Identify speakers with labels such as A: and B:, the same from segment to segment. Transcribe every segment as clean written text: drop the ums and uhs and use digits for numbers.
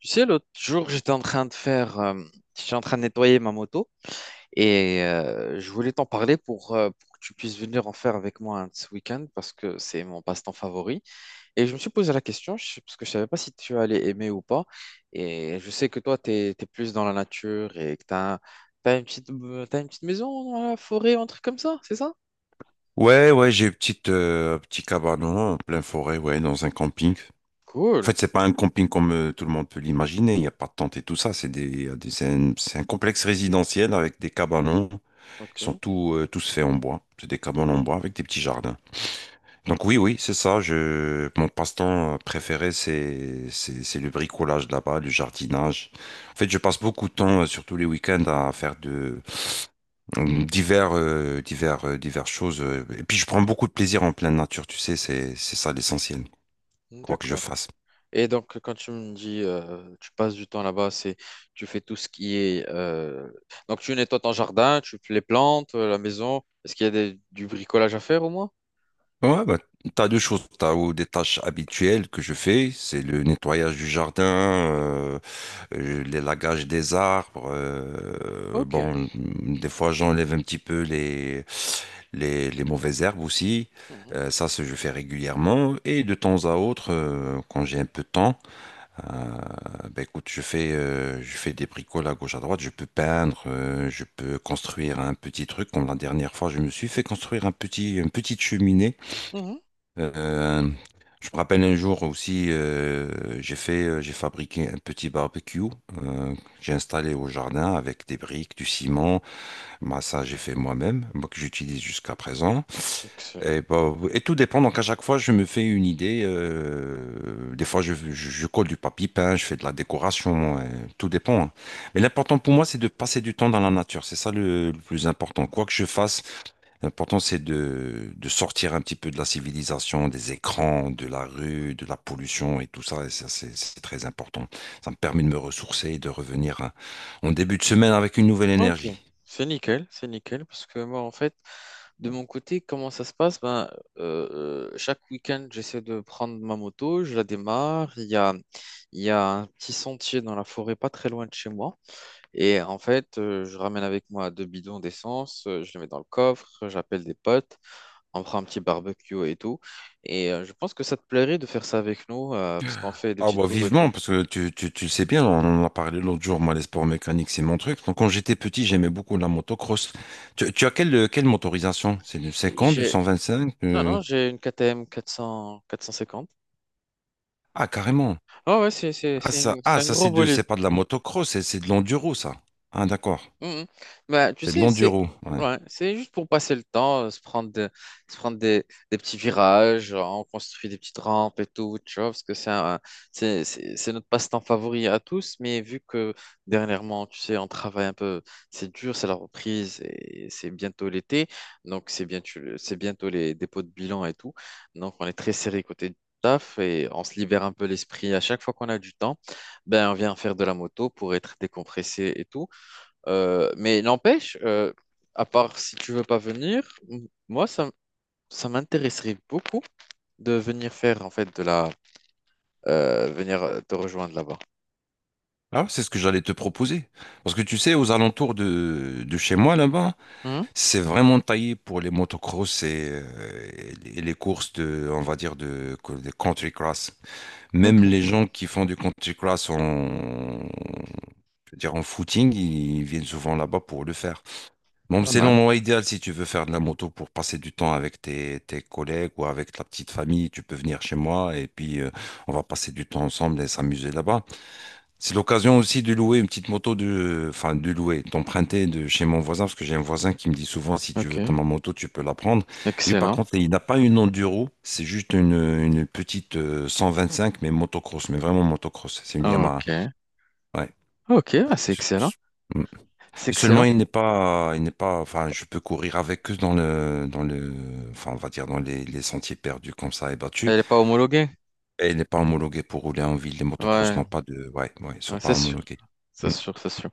A: Tu sais, l'autre jour, j'étais en train de faire, j'étais en train de nettoyer ma moto et je voulais t'en parler pour que tu puisses venir en faire avec moi un de ce week-end parce que c'est mon passe-temps favori. Et je me suis posé la question parce que je savais pas si tu allais aimer ou pas. Et je sais que toi, tu es, plus dans la nature et que tu as, une petite, t'as une petite maison dans la forêt, un truc comme ça, c'est ça?
B: Ouais, ouais, j'ai une petite, un petit cabanon en pleine forêt, ouais, dans un camping. En
A: Cool.
B: fait, c'est pas un camping comme tout le monde peut l'imaginer. Il n'y a pas de tente et tout ça. C'est c'est c'est un complexe résidentiel avec des cabanons. Ils
A: Ok,
B: sont tous, tous faits en bois. C'est des cabanons en bois avec des petits jardins. Donc oui, oui, c'est ça. Mon passe-temps préféré, c'est le bricolage là-bas, le jardinage. En fait, je passe beaucoup de temps, surtout les week-ends, à faire de, diverses choses. Et puis je prends beaucoup de plaisir en pleine nature, tu sais, c'est ça l'essentiel, quoi que je
A: d'accord.
B: fasse.
A: Et donc, quand tu me dis, tu passes du temps là-bas, c'est, tu fais tout ce qui est, donc tu nettoies ton jardin, tu fais les plantes, la maison. Est-ce qu'il y a des- du bricolage à faire au moins?
B: Ouais, bah, t'as deux choses. T'as ou des tâches habituelles que je fais, c'est le nettoyage du jardin, l'élagage des arbres.
A: Ok.
B: Bon, des fois j'enlève un petit peu les mauvaises herbes aussi.
A: Mhm.
B: Ça, je fais régulièrement. Et de temps à autre, quand j'ai un peu de temps. Euh, ben écoute, je fais des bricoles à gauche à droite, je peux peindre, je peux construire un petit truc. Comme la dernière fois, je me suis fait construire un petit, une petite cheminée.
A: Mhm.
B: Euh, je me rappelle un jour aussi, j'ai fait, j'ai fabriqué un petit barbecue. euh, j'ai installé au jardin avec des briques, du ciment. Moi, ça, j'ai fait moi-même, moi que j'utilise jusqu'à présent.
A: Excellent.
B: Et, bah, et tout dépend. Donc, à chaque fois, je me fais une idée. Des fois, je colle du papier peint, je fais de la décoration. Tout dépend, hein. Mais l'important pour moi, c'est de passer du temps dans la nature. C'est ça le plus important. Quoi que je fasse, l'important, c'est de sortir un petit peu de la civilisation, des écrans, de la rue, de la pollution et tout ça. Et ça, c'est très important. Ça me permet de me ressourcer et de revenir, hein, en début de semaine avec une nouvelle
A: Ok.
B: énergie.
A: C'est nickel, parce que moi, en fait, de mon côté, comment ça se passe? Ben, euh, chaque week-end, j'essaie de prendre ma moto, je la démarre. Il y a un petit sentier dans la forêt, pas très loin de chez moi. Et en fait, je ramène avec moi deux bidons d'essence, je les mets dans le coffre, j'appelle des potes, on prend un petit barbecue et tout. Et je pense que ça te plairait de faire ça avec nous, parce qu'on fait des
B: Ah
A: petits
B: bah
A: tours et tout.
B: vivement, parce que tu le sais bien, on en a parlé l'autre jour, moi les sports mécaniques c'est mon truc. Donc quand j'étais petit j'aimais beaucoup la motocross. Tu as quelle motorisation? C'est du 50 du
A: J'ai...
B: 125?
A: Non, non, j'ai une KTM 400... 450.
B: Ah carrément.
A: Ah ouais, c'est c'est- c'est un
B: Ah,
A: c'est un
B: ça
A: gros
B: c'est de,
A: bolide.
B: c'est pas de la motocross, c'est de l'enduro ça. Ah d'accord,
A: Mhm. Bah, tu
B: c'est de
A: sais,
B: l'enduro. Ouais.
A: c'est juste pour passer le temps, se prendre des petits virages, on construit des petites rampes et tout, tu vois, parce que c'est un- c'est notre passe-temps favori à tous, mais vu que dernièrement, tu sais, on travaille un peu, c'est dur, c'est la reprise et c'est bientôt l'été, donc c'est bien, c'est bientôt les dépôts de bilan et tout, donc on est très serré côté taf et on se libère un peu l'esprit à chaque fois qu'on a du temps, ben on vient faire de la moto pour être décompressé et tout. Mais n'empêche, à part si tu veux pas venir, m- moi, ça, m- ça m'intéresserait beaucoup de venir faire, en fait, de la... venir te rejoindre là-bas.
B: Ah c'est ce que j'allais te proposer. Parce que tu sais, aux alentours de chez moi là-bas,
A: Hein.
B: c'est vraiment taillé pour les motocross et, et les courses de, on va dire, de country cross. Même
A: Ok,
B: les gens qui font du Country Cross en, je veux dire, en footing, ils viennent souvent là-bas pour le faire. Bon,
A: pas
B: c'est
A: mal.
B: l'endroit idéal si tu veux faire de la moto pour passer du temps avec tes collègues ou avec la petite famille. Tu peux venir chez moi et puis on va passer du temps ensemble et s'amuser là-bas. C'est l'occasion aussi de louer une petite moto de, enfin, de louer, d'emprunter de chez mon voisin, parce que j'ai un voisin qui me dit souvent, si tu
A: Ok,
B: veux ta ma moto, tu peux la prendre. Lui, par
A: excellent.
B: contre, il n'a pas une enduro, c'est juste une petite 125, mais motocross, mais vraiment motocross. C'est une Yamaha.
A: Ok,
B: Ouais.
A: ok, ah, c'est
B: Je-
A: excellent.
B: je- Mm.
A: C'est
B: Mais seulement,
A: excellent.
B: il n'est pas, enfin, je peux courir avec eux dans dans le, enfin, on va dire dans les sentiers perdus comme ça et battus.
A: Elle n'est pas homologuée.
B: Et il n'est pas homologué pour rouler en ville. Les motocross
A: Ouais,
B: n'ont pas de, ouais, ouais, ils sont
A: ouais,
B: pas
A: c'est sûr,
B: homologués.
A: c'est
B: Mm.
A: sûr, c'est sûr.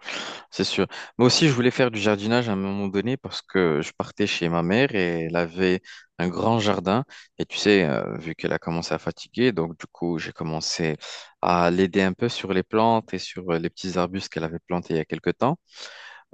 A: C'est sûr. Moi aussi, je voulais faire du jardinage à un moment donné parce que je partais chez ma mère et elle avait un grand jardin. Et tu sais, vu qu'elle a commencé à fatiguer, donc du coup, j'ai commencé à l'aider un peu sur les plantes et sur les petits arbustes qu'elle avait plantés il y a quelque temps.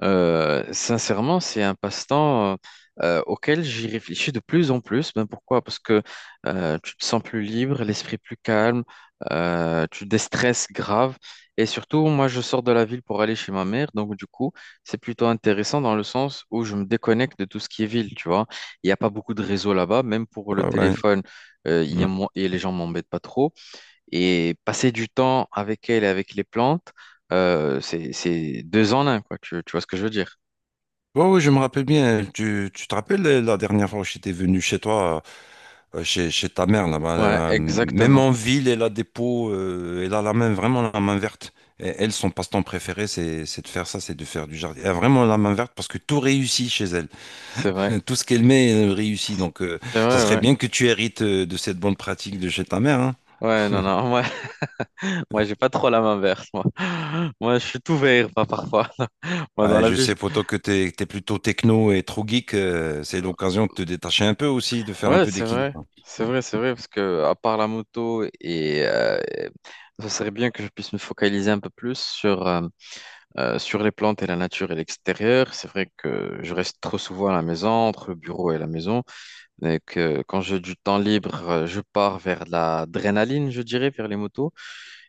A: Sincèrement, c'est un passe-temps auquel j'y réfléchis de plus en plus. Ben pourquoi? Parce que tu te sens plus libre, l'esprit plus calme, tu déstresses grave. Et surtout, moi, je sors de la ville pour aller chez ma mère. Donc, du coup, c'est plutôt intéressant dans le sens où je me déconnecte de tout ce qui est ville, tu vois. Il n'y a pas beaucoup de réseaux là-bas. Même pour le
B: Ouais, ouais.
A: téléphone, il y a
B: Hmm.
A: mo- et les gens m'embêtent pas trop. Et passer du temps avec elle et avec les plantes, c'est deux en un, quoi. Tu vois ce que je veux dire?
B: Oui, oui, je me rappelle bien. Tu te rappelles la dernière fois où j'étais venu chez toi, chez ta mère là-bas,
A: Ouais,
B: même
A: exactement.
B: en ville, elle a des pots, elle a la main, vraiment la main verte. Et elle, son passe-temps préféré, c'est de faire ça, c'est de faire du jardin. Elle a vraiment la main verte parce que tout réussit chez elle.
A: C'est vrai.
B: Tout ce qu'elle met, elle réussit. Donc,
A: C'est
B: ça
A: vrai,
B: serait
A: ouais.
B: bien que tu hérites de cette bonne pratique de chez ta mère, hein.
A: Ouais, non, non. Moi, moi j'ai pas trop la main verte, moi. Moi, je suis tout vert, pas parfois. Moi, dans
B: Ah,
A: la
B: je
A: vie,
B: sais,
A: je-
B: poto, que es plutôt techno et trop geek. C'est l'occasion de te détacher un peu aussi, de faire un
A: Ouais,
B: peu
A: c'est vrai,
B: d'équilibre.
A: c'est vrai, c'est vrai, parce que à part la moto ça serait bien que je puisse me focaliser un peu plus sur sur les plantes et la nature et l'extérieur. C'est vrai que je reste trop souvent à la maison, entre le bureau et la maison. Et que quand j'ai du temps libre, je pars vers de l'adrénaline, je dirais, vers les motos.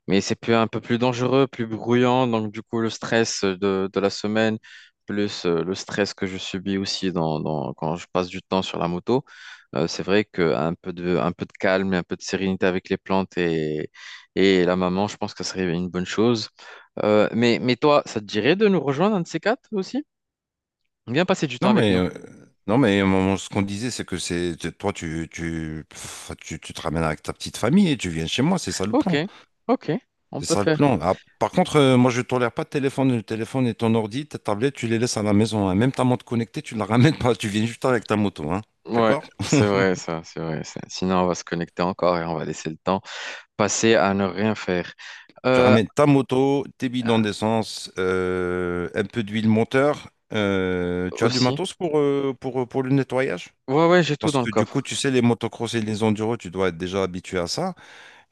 A: Mais c'est plus, un peu plus dangereux, plus bruyant. Donc, du coup, de la semaine, plus le stress que je subis aussi dans, dans- quand je passe du temps sur la moto, c'est vrai qu'un peu de, un peu de calme et un peu de sérénité avec les plantes et la maman, je pense que ça serait une bonne chose. Mais toi, ça te dirait de nous rejoindre, un de ces quatre aussi? Viens passer du
B: Non
A: temps avec
B: mais
A: nous.
B: ce qu'on disait c'est que toi tu tu, pff, tu tu te ramènes avec ta petite famille et tu viens chez moi, c'est ça le
A: Ok,
B: plan.
A: ok, on peut faire.
B: Ah, par contre moi je tolère pas de téléphone, le téléphone et ton ordi, ta tablette, tu les laisses à la maison, hein. Même ta montre connectée tu la ramènes pas, tu viens juste avec ta moto, hein.
A: Ouais,
B: D'accord?
A: c'est vrai ça, c'est vrai ça. Sinon, on va se connecter encore et on va laisser le temps passer à ne rien faire.
B: Tu
A: Euh,
B: ramènes ta moto, tes bidons d'essence, un peu d'huile moteur. Tu as du
A: aussi.
B: matos pour le nettoyage
A: Ouais, ouais, j'ai tout
B: parce
A: dans le
B: que du coup
A: coffre.
B: tu sais les motocross et les enduros tu dois être déjà habitué à ça.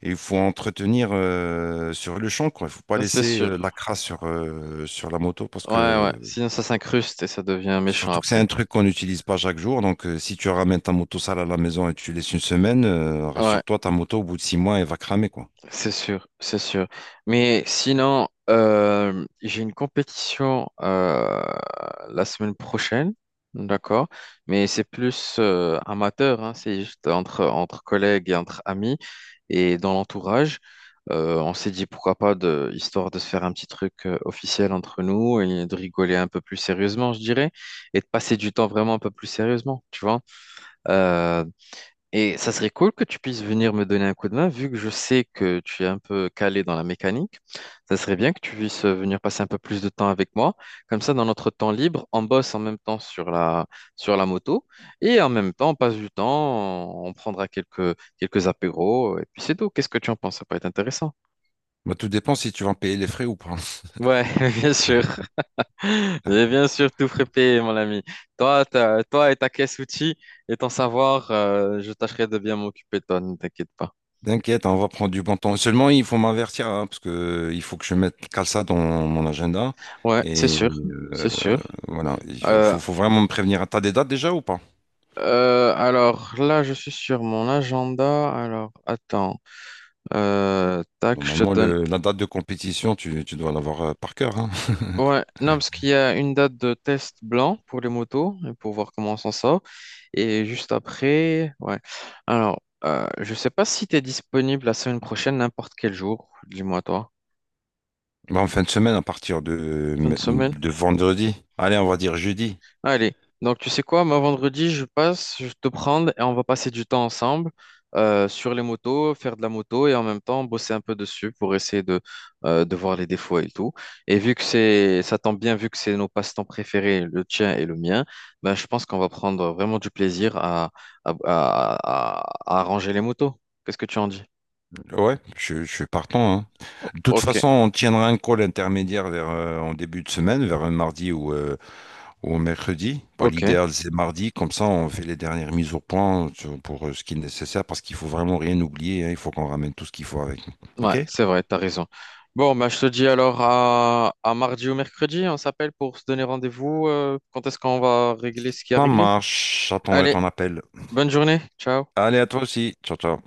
B: Et il faut entretenir, sur le champ, quoi. Il faut pas
A: Ça, c'est
B: laisser
A: sûr.
B: la crasse sur la moto parce
A: Ouais,
B: que
A: ouais. Sinon, ça s'incruste et ça devient méchant
B: surtout que c'est
A: après.
B: un truc qu'on n'utilise pas chaque jour. Donc si tu ramènes ta moto sale à la maison et tu laisses une semaine,
A: Ouais.
B: rassure-toi, ta moto au bout de 6 mois, elle va cramer, quoi.
A: C'est sûr, c'est sûr. Mais sinon, j'ai une compétition la semaine prochaine, d'accord? Mais c'est plus amateur, hein, entre collègues et entre amis et dans l'entourage. On s'est dit pourquoi pas, histoire de se faire un petit truc officiel entre nous et de rigoler un peu plus sérieusement, je dirais, et de passer du temps vraiment un peu plus sérieusement, tu vois? Euh, et ça serait cool que tu puisses venir me donner un coup de main, vu que je sais que tu es un peu calé dans la mécanique. Ça serait bien que tu puisses venir passer un peu plus de temps avec moi. Comme ça, dans notre temps libre, on bosse en même temps sur la moto et en même temps, on passe du temps, on prendra quelques apéros et puis c'est tout. Qu'est-ce que tu en penses? Ça peut être intéressant.
B: Bah, tout dépend si tu vas payer les frais ou pas.
A: Ouais, bien sûr. Et bien sûr, tout frappé, mon ami. Toi et ta caisse outils et ton savoir, je tâcherai de bien m'occuper de toi, ne t'inquiète pas.
B: T'inquiète, hein, on va prendre du bon temps. Seulement, il faut m'avertir, hein, parce que il faut que je mette cale ça dans mon agenda.
A: Ouais, c'est
B: Et
A: sûr,
B: euh,
A: c'est sûr.
B: voilà, il faut,
A: Euh,
B: vraiment me prévenir. T'as des dates déjà ou pas?
A: alors là, je suis sur mon agenda. Alors, attends. Tac, je te
B: Normalement,
A: donne.
B: la date de compétition, tu dois l'avoir par cœur, hein.
A: Ouais, non, parce qu'il y a une date de test blanc pour les motos, et pour voir comment on s'en sort. Et juste après, ouais. Alors, je sais pas si tu es disponible la semaine prochaine, n'importe quel jour. Dis-moi toi.
B: Bah, en fin de semaine, à partir
A: Fin de semaine?
B: de vendredi. Allez, on va dire jeudi.
A: Allez, donc tu sais quoi, moi vendredi, je passe, je vais te prendre et on va passer du temps ensemble sur les motos, faire de la moto et en même temps bosser un peu dessus pour essayer de voir les défauts et tout. Et vu que c'est, ça tombe bien, vu que c'est nos passe-temps préférés, le tien et le mien, ben, je pense qu'on va prendre vraiment du plaisir à, à arranger les motos. Qu'est-ce que tu en dis?
B: Ouais, je suis partant, hein. De toute
A: Ok,
B: façon, on tiendra un call intermédiaire vers, en début de semaine, vers un mardi ou un mercredi. Bah,
A: ok,
B: l'idéal, c'est mardi. Comme ça, on fait les dernières mises au point pour ce qui est nécessaire parce qu'il faut vraiment rien oublier, hein. Il faut qu'on ramène tout ce qu'il faut avec nous.
A: ouais,
B: OK?
A: c'est vrai, t'as raison. Bon, bah, je te dis alors à mardi ou mercredi, on s'appelle pour se donner rendez-vous. Quand est-ce qu'on va régler ce qui a
B: Ça
A: réglé?
B: marche. J'attendrai
A: Allez,
B: ton appel.
A: bonne journée. Ciao.
B: Allez, à toi aussi. Ciao, ciao.